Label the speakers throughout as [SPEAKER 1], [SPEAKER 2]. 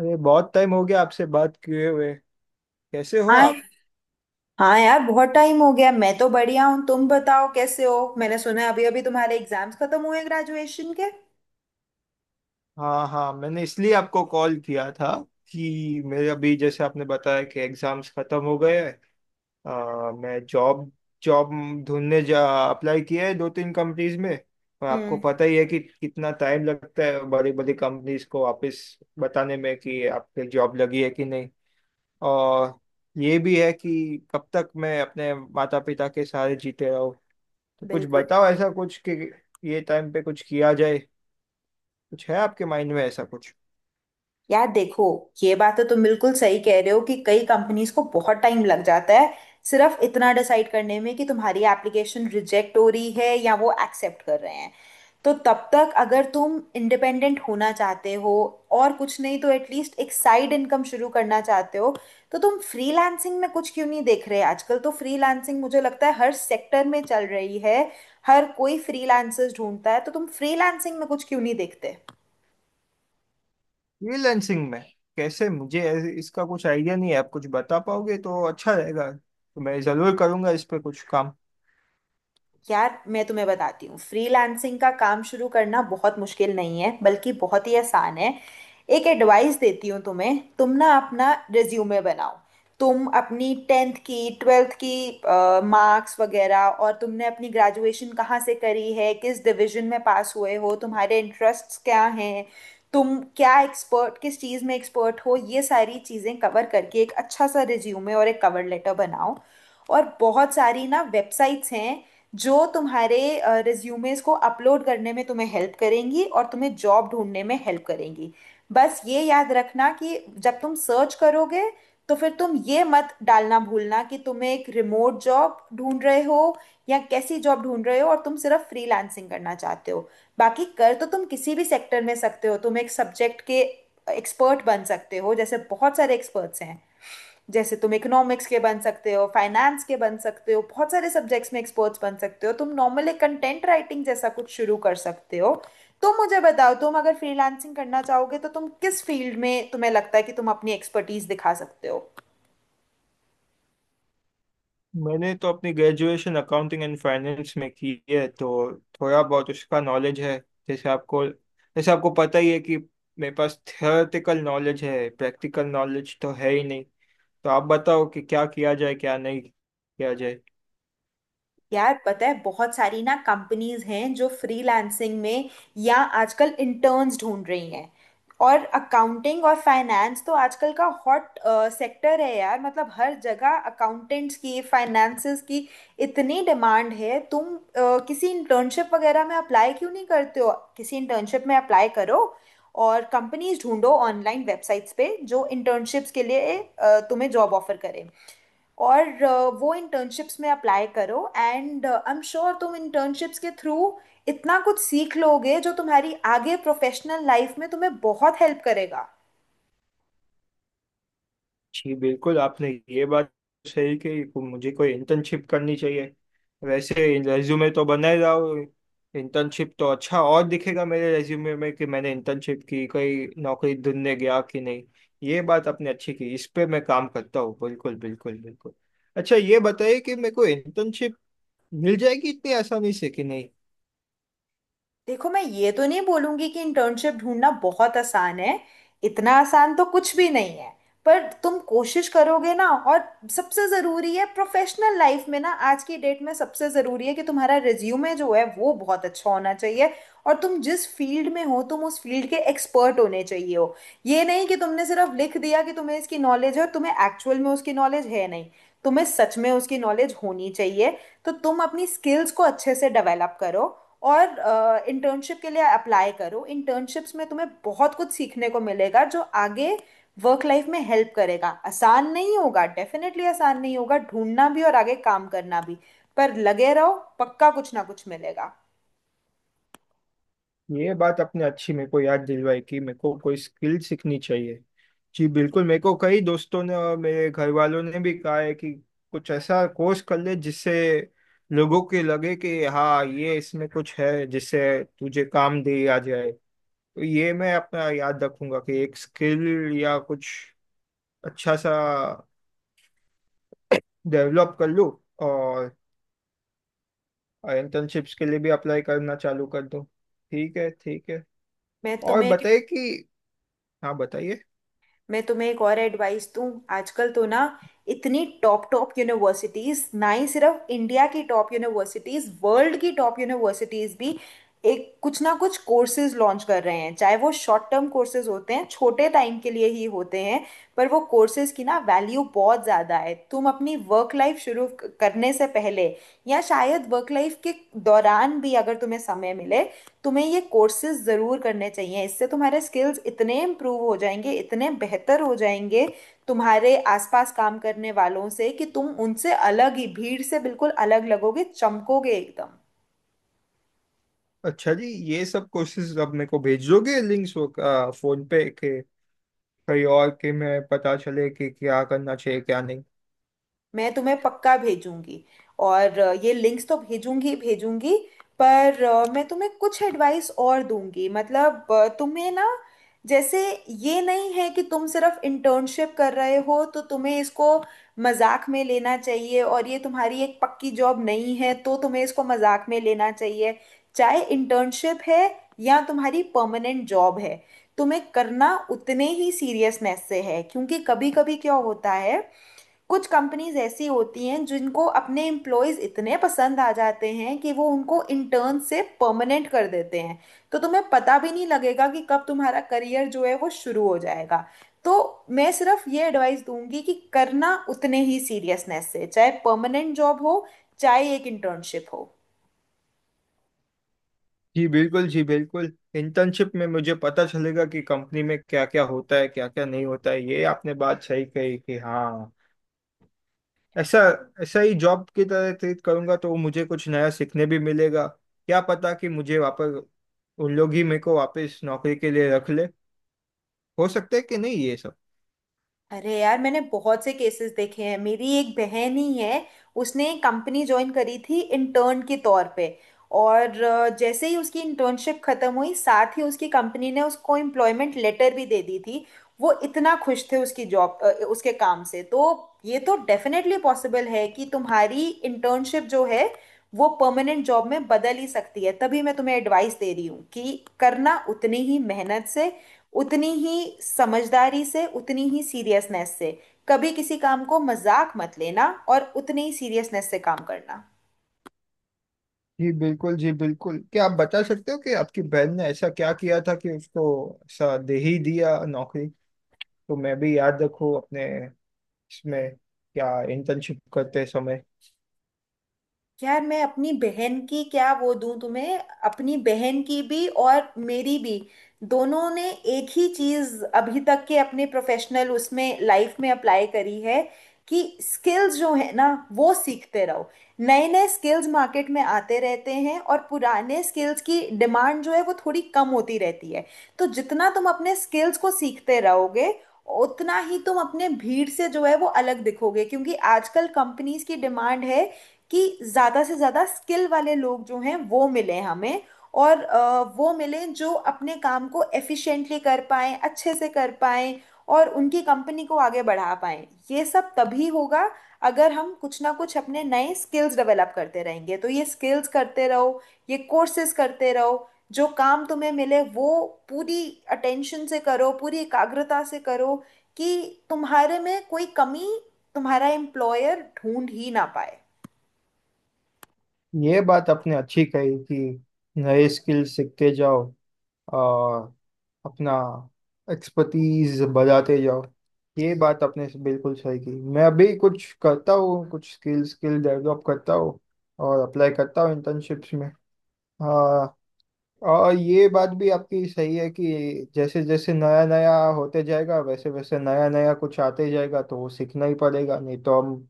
[SPEAKER 1] अरे बहुत टाइम हो गया आपसे बात किए हुए। कैसे हो
[SPEAKER 2] हाँ
[SPEAKER 1] आप?
[SPEAKER 2] हाँ यार, बहुत टाइम हो गया। मैं तो बढ़िया हूँ, तुम बताओ कैसे हो। मैंने सुना है अभी अभी तुम्हारे एग्जाम्स खत्म हुए ग्रेजुएशन के।
[SPEAKER 1] हाँ, हाँ, मैंने इसलिए आपको कॉल किया था कि मेरे अभी जैसे आपने बताया कि एग्जाम्स खत्म हो गए हैं। मैं जॉब जॉब ढूंढने जा अप्लाई किया है दो तीन कंपनीज में। पर आपको
[SPEAKER 2] हम्म।
[SPEAKER 1] पता ही है कि कितना टाइम लगता है बड़ी बड़ी कंपनीज को वापस बताने में कि आपके जॉब लगी है कि नहीं। और ये भी है कि कब तक मैं अपने माता पिता के सहारे जीते रहूँ। तो कुछ
[SPEAKER 2] बिल्कुल।
[SPEAKER 1] बताओ ऐसा कुछ कि ये टाइम पे कुछ किया जाए। कुछ है आपके माइंड में ऐसा कुछ?
[SPEAKER 2] यार देखो, ये बात तो तुम बिल्कुल सही कह रहे हो कि कई कंपनीज को बहुत टाइम लग जाता है सिर्फ इतना डिसाइड करने में कि तुम्हारी एप्लीकेशन रिजेक्ट हो रही है या वो एक्सेप्ट कर रहे हैं। तो तब तक अगर तुम इंडिपेंडेंट होना चाहते हो और कुछ नहीं तो एटलीस्ट एक साइड इनकम शुरू करना चाहते हो, तो तुम फ्रीलांसिंग में कुछ क्यों नहीं देख रहे। आजकल तो फ्रीलांसिंग मुझे लगता है हर सेक्टर में चल रही है। हर कोई फ्रीलांसर्स ढूंढता है, तो तुम फ्रीलांसिंग में कुछ क्यों नहीं देखते।
[SPEAKER 1] फ्रीलैंसिंग में कैसे मुझे इसका कुछ आइडिया नहीं है। आप कुछ बता पाओगे तो अच्छा रहेगा, तो मैं जरूर करूंगा इस पे कुछ काम।
[SPEAKER 2] यार मैं तुम्हें बताती हूँ, फ्रीलांसिंग का काम शुरू करना बहुत मुश्किल नहीं है, बल्कि बहुत ही आसान है। एक एडवाइस देती हूँ तुम्हें, तुम ना अपना रिज्यूमे बनाओ। तुम अपनी टेंथ की, ट्वेल्थ की मार्क्स वगैरह, और तुमने अपनी ग्रेजुएशन कहाँ से करी है, किस डिवीजन में पास हुए हो, तुम्हारे इंटरेस्ट्स क्या हैं, तुम क्या एक्सपर्ट, किस चीज़ में एक्सपर्ट हो, ये सारी चीज़ें कवर करके एक अच्छा सा रिज्यूमे और एक कवर लेटर बनाओ। और बहुत सारी ना वेबसाइट्स हैं जो तुम्हारे रिज्यूमेस को अपलोड करने में तुम्हें हेल्प करेंगी और तुम्हें जॉब ढूंढने में हेल्प करेंगी। बस ये याद रखना कि जब तुम सर्च करोगे तो फिर तुम ये मत डालना भूलना कि तुम्हें एक रिमोट जॉब ढूंढ रहे हो या कैसी जॉब ढूंढ रहे हो और तुम सिर्फ फ्रीलांसिंग करना चाहते हो। बाकी कर तो तुम किसी भी सेक्टर में सकते हो। तुम एक सब्जेक्ट के एक्सपर्ट बन सकते हो, जैसे बहुत सारे एक्सपर्ट्स हैं, जैसे तुम इकोनॉमिक्स के बन सकते हो, फाइनेंस के बन सकते हो, बहुत सारे सब्जेक्ट्स में एक्सपर्ट्स बन सकते हो। तुम नॉर्मली कंटेंट राइटिंग जैसा कुछ शुरू कर सकते हो। तो मुझे बताओ, तुम अगर फ्रीलांसिंग करना चाहोगे तो तुम किस फील्ड में तुम्हें लगता है कि तुम अपनी एक्सपर्टीज दिखा सकते हो।
[SPEAKER 1] मैंने तो अपनी ग्रेजुएशन अकाउंटिंग एंड फाइनेंस में की है, तो थोड़ा बहुत उसका नॉलेज है। जैसे आपको पता ही है कि मेरे पास थियोरेटिकल नॉलेज है, प्रैक्टिकल नॉलेज तो है ही नहीं। तो आप बताओ कि क्या किया जाए क्या नहीं किया जाए।
[SPEAKER 2] यार पता है, बहुत सारी ना कंपनीज हैं जो फ्रीलांसिंग में या आजकल इंटर्न्स ढूंढ रही हैं। और अकाउंटिंग और फाइनेंस तो आजकल का हॉट सेक्टर है यार। मतलब हर जगह अकाउंटेंट्स की, फाइनेंसेस की इतनी डिमांड है। तुम किसी इंटर्नशिप वगैरह में अप्लाई क्यों नहीं करते हो। किसी इंटर्नशिप में अप्लाई करो और कंपनीज ढूंढो ऑनलाइन वेबसाइट्स पे जो इंटर्नशिप्स के लिए तुम्हें जॉब ऑफर करें। और वो इंटर्नशिप्स में अप्लाई करो, एंड आई एम श्योर तुम इंटर्नशिप्स के थ्रू इतना कुछ सीख लोगे जो तुम्हारी आगे प्रोफेशनल लाइफ में तुम्हें बहुत हेल्प करेगा।
[SPEAKER 1] जी बिल्कुल, आपने ये बात सही कही मुझे कोई इंटर्नशिप करनी चाहिए वैसे। रेज्यूमे तो बनाए जाओ, इंटर्नशिप तो अच्छा और दिखेगा मेरे रेज्यूमे में कि मैंने इंटर्नशिप की, कोई नौकरी ढूंढने गया कि नहीं। ये बात आपने अच्छी की, इस पे मैं काम करता हूँ। बिल्कुल, बिल्कुल, बिल्कुल। अच्छा ये बताइए कि मेरे को इंटर्नशिप मिल जाएगी इतनी आसानी से कि नहीं?
[SPEAKER 2] देखो, मैं ये तो नहीं बोलूंगी कि इंटर्नशिप ढूंढना बहुत आसान है। इतना आसान तो कुछ भी नहीं है। पर तुम कोशिश करोगे ना। और सबसे ज़रूरी है प्रोफेशनल लाइफ में ना, आज की डेट में सबसे ज़रूरी है कि तुम्हारा रिज्यूमे जो है वो बहुत अच्छा होना चाहिए। और तुम जिस फील्ड में हो तुम उस फील्ड के एक्सपर्ट होने चाहिए हो। ये नहीं कि तुमने सिर्फ लिख दिया कि तुम्हें इसकी नॉलेज है और तुम्हें एक्चुअल में उसकी नॉलेज है नहीं। तुम्हें सच में उसकी नॉलेज होनी चाहिए। तो तुम अपनी स्किल्स को अच्छे से डेवलप करो और इंटर्नशिप के लिए अप्लाई करो। इंटर्नशिप्स में तुम्हें बहुत कुछ सीखने को मिलेगा जो आगे वर्क लाइफ में हेल्प करेगा। आसान नहीं होगा, डेफिनेटली आसान नहीं होगा ढूंढना भी और आगे काम करना भी, पर लगे रहो। पक्का कुछ ना कुछ मिलेगा।
[SPEAKER 1] ये बात आपने अच्छी मेरे को याद दिलवाई कि मेरे को कोई स्किल सीखनी चाहिए। जी बिल्कुल, मेरे को कई दोस्तों ने और मेरे घर वालों ने भी कहा है कि कुछ ऐसा कोर्स कर ले जिससे लोगों के लगे कि हाँ ये इसमें कुछ है, जिससे तुझे काम दे आ जाए। तो ये मैं अपना याद रखूंगा कि एक स्किल या कुछ अच्छा सा डेवलप कर लूँ, और इंटर्नशिप्स के लिए भी अप्लाई करना चालू कर दूँ। ठीक है, ठीक है।
[SPEAKER 2] मैं
[SPEAKER 1] और
[SPEAKER 2] तुम्हें
[SPEAKER 1] बताइए कि हाँ, बताइए।
[SPEAKER 2] मैं तुम्हें एक और एडवाइस दूं। आजकल तो ना इतनी टॉप टॉप यूनिवर्सिटीज, ना ही सिर्फ इंडिया की टॉप यूनिवर्सिटीज, वर्ल्ड की टॉप यूनिवर्सिटीज भी एक कुछ ना कुछ कोर्सेज लॉन्च कर रहे हैं। चाहे वो शॉर्ट टर्म कोर्सेज होते हैं, छोटे टाइम के लिए ही होते हैं, पर वो कोर्सेज की ना वैल्यू बहुत ज़्यादा है। तुम अपनी वर्क लाइफ शुरू करने से पहले या शायद वर्क लाइफ के दौरान भी अगर तुम्हें समय मिले, तुम्हें ये कोर्सेज ज़रूर करने चाहिए। इससे तुम्हारे स्किल्स इतने इम्प्रूव हो जाएंगे, इतने बेहतर हो जाएंगे तुम्हारे आसपास काम करने वालों से कि तुम उनसे अलग ही, भीड़ से बिल्कुल अलग लगोगे, चमकोगे एकदम।
[SPEAKER 1] अच्छा जी, ये सब कोर्सेज आप मेरे को भेज दोगे, लिंक्स वो फोन पे के कहीं और के, मैं पता चले कि क्या करना चाहिए क्या नहीं।
[SPEAKER 2] मैं तुम्हें पक्का भेजूंगी। और ये लिंक्स तो भेजूंगी ही भेजूंगी। पर मैं तुम्हें कुछ एडवाइस और दूंगी। मतलब तुम्हें ना, जैसे, ये नहीं है कि तुम सिर्फ इंटर्नशिप कर रहे हो तो तुम्हें इसको मजाक में लेना चाहिए, और ये तुम्हारी एक पक्की जॉब नहीं है तो तुम्हें इसको मजाक में लेना चाहिए। चाहे इंटर्नशिप है या तुम्हारी परमानेंट जॉब है, तुम्हें करना उतने ही सीरियसनेस से है। क्योंकि कभी कभी क्या होता है, कुछ कंपनीज ऐसी होती हैं जिनको अपने एम्प्लॉयज इतने पसंद आ जाते हैं कि वो उनको इंटर्न से परमानेंट कर देते हैं। तो तुम्हें पता भी नहीं लगेगा कि कब तुम्हारा करियर जो है वो शुरू हो जाएगा। तो मैं सिर्फ ये एडवाइस दूंगी कि करना उतने ही सीरियसनेस से, चाहे परमानेंट जॉब हो चाहे एक इंटर्नशिप हो।
[SPEAKER 1] जी बिल्कुल, जी बिल्कुल, इंटर्नशिप में मुझे पता चलेगा कि कंपनी में क्या क्या होता है क्या क्या नहीं होता है। ये आपने बात सही कही कि हाँ, ऐसा ऐसा ही जॉब की तरह ट्रीट करूंगा, तो मुझे कुछ नया सीखने भी मिलेगा। क्या पता कि मुझे वापस उन लोग ही मेरे को वापस नौकरी के लिए रख ले, हो सकता है कि नहीं ये सब।
[SPEAKER 2] अरे यार, मैंने बहुत से केसेस देखे हैं। मेरी एक बहन ही है, उसने एक कंपनी ज्वाइन करी थी इंटर्न के तौर पे, और जैसे ही उसकी इंटर्नशिप खत्म हुई, साथ ही उसकी कंपनी ने उसको एम्प्लॉयमेंट लेटर भी दे दी थी। वो इतना खुश थे उसकी जॉब, उसके काम से। तो ये तो डेफिनेटली पॉसिबल है कि तुम्हारी इंटर्नशिप जो है वो परमानेंट जॉब में बदल ही सकती है। तभी मैं तुम्हें एडवाइस दे रही हूँ कि करना उतनी ही मेहनत से, उतनी ही समझदारी से, उतनी ही सीरियसनेस से। कभी किसी काम को मजाक मत लेना और उतनी ही सीरियसनेस से काम करना।
[SPEAKER 1] जी बिल्कुल, जी बिल्कुल, क्या आप बता सकते हो कि आपकी बहन ने ऐसा क्या किया था कि उसको ऐसा दे ही दिया नौकरी? तो मैं भी याद रखूँ अपने इसमें क्या इंटर्नशिप करते समय।
[SPEAKER 2] यार, मैं अपनी बहन की क्या वो दूं तुम्हें, अपनी बहन की भी और मेरी भी, दोनों ने एक ही चीज अभी तक के अपने प्रोफेशनल उसमें लाइफ में अप्लाई करी है, कि स्किल्स जो है ना, वो सीखते रहो। नए नए स्किल्स मार्केट में आते रहते हैं और पुराने स्किल्स की डिमांड जो है वो थोड़ी कम होती रहती है। तो जितना तुम अपने स्किल्स को सीखते रहोगे, उतना ही तुम अपने, भीड़ से जो है वो अलग दिखोगे। क्योंकि आजकल कंपनीज की डिमांड है कि ज़्यादा से ज़्यादा स्किल वाले लोग जो हैं वो मिले हमें। और वो मिले जो अपने काम को एफिशिएंटली कर पाएं, अच्छे से कर पाएं और उनकी कंपनी को आगे बढ़ा पाएं। ये सब तभी होगा अगर हम कुछ ना कुछ अपने नए स्किल्स डेवलप करते रहेंगे। तो ये स्किल्स करते रहो, ये कोर्सेज करते रहो, जो काम तुम्हें मिले वो पूरी अटेंशन से करो, पूरी एकाग्रता से करो कि तुम्हारे में कोई कमी तुम्हारा एम्प्लॉयर ढूंढ ही ना पाए।
[SPEAKER 1] ये बात आपने अच्छी कही कि नए स्किल सीखते जाओ और अपना एक्सपर्टीज बढ़ाते जाओ। ये बात आपने बिल्कुल सही की, मैं अभी कुछ करता हूँ, कुछ स्किल स्किल डेवलप करता हूँ, और अप्लाई करता हूँ इंटर्नशिप्स में। और ये बात भी आपकी सही है कि जैसे जैसे नया नया होते जाएगा वैसे वैसे नया नया कुछ आते जाएगा, तो वो सीखना ही पड़ेगा, नहीं तो हम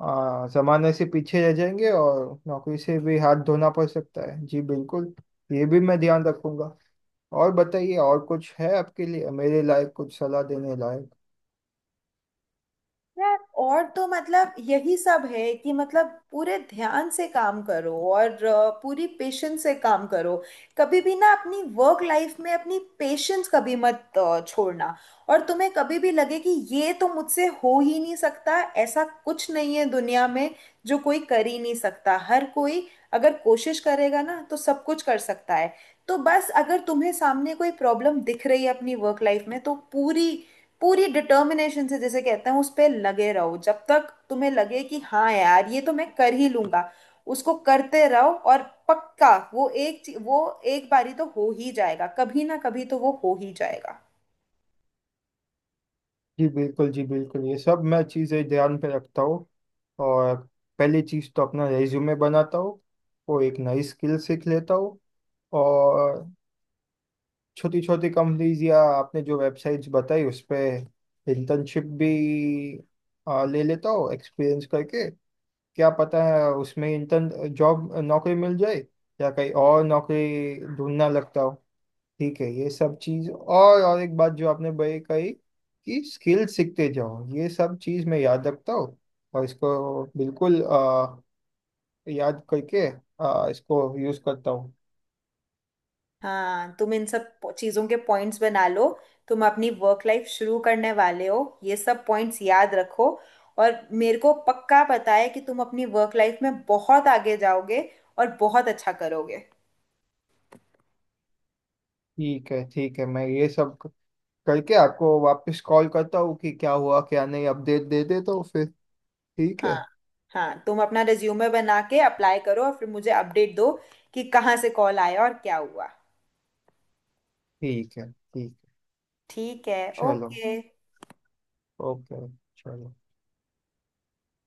[SPEAKER 1] जमाने से पीछे रह जाएंगे और नौकरी से भी हाथ धोना पड़ सकता है। जी बिल्कुल, ये भी मैं ध्यान रखूंगा। और बताइए, और कुछ है आपके लिए मेरे लायक, कुछ सलाह देने लायक?
[SPEAKER 2] यार, और तो मतलब यही सब है कि, मतलब, पूरे ध्यान से काम करो और पूरी पेशेंस से काम करो। कभी भी ना अपनी वर्क लाइफ में अपनी पेशेंस कभी मत छोड़ना। और तुम्हें कभी भी लगे कि ये तो मुझसे हो ही नहीं सकता, ऐसा कुछ नहीं है दुनिया में जो कोई कर ही नहीं सकता। हर कोई अगर कोशिश करेगा ना तो सब कुछ कर सकता है। तो बस अगर तुम्हें सामने कोई प्रॉब्लम दिख रही है अपनी वर्क लाइफ में, तो पूरी पूरी डिटर्मिनेशन से, जैसे कहते हैं, उस पे लगे रहो जब तक तुम्हें लगे कि हाँ यार, ये तो मैं कर ही लूंगा। उसको करते रहो और पक्का वो वो एक बारी तो हो ही जाएगा, कभी ना कभी तो वो हो ही जाएगा।
[SPEAKER 1] जी बिल्कुल, जी बिल्कुल, ये सब मैं चीज़ें ध्यान पे रखता हूँ। और पहली चीज़ तो अपना रेज्यूमे बनाता हूँ, वो एक नई स्किल सीख लेता हूँ, और छोटी छोटी कंपनीज या आपने जो वेबसाइट्स बताई उस पे इंटर्नशिप भी ले लेता हो एक्सपीरियंस करके। क्या पता है उसमें इंटर्न जॉब नौकरी मिल जाए या कहीं और नौकरी ढूंढना लगता हो। ठीक है, ये सब चीज़, और एक बात जो आपने भाई कही कि स्किल सीखते जाओ, ये सब चीज़ मैं याद रखता हूँ और इसको बिल्कुल याद करके इसको यूज़ करता हूँ।
[SPEAKER 2] हाँ, तुम इन सब चीजों के पॉइंट्स बना लो। तुम अपनी वर्क लाइफ शुरू करने वाले हो, ये सब पॉइंट्स याद रखो। और मेरे को पक्का पता है कि तुम अपनी वर्क लाइफ में बहुत आगे जाओगे और बहुत अच्छा करोगे।
[SPEAKER 1] ठीक है, ठीक है, मैं ये सब करके आपको वापस कॉल करता हूँ कि क्या हुआ क्या नहीं, अपडेट दे दे तो फिर। ठीक है,
[SPEAKER 2] हाँ। हाँ, तुम अपना रिज्यूमे बना के अप्लाई करो और फिर मुझे अपडेट दो कि कहाँ से कॉल आया और क्या हुआ।
[SPEAKER 1] ठीक है। ठीक है,
[SPEAKER 2] ठीक है,
[SPEAKER 1] चलो।
[SPEAKER 2] ओके।
[SPEAKER 1] ओके, चलो।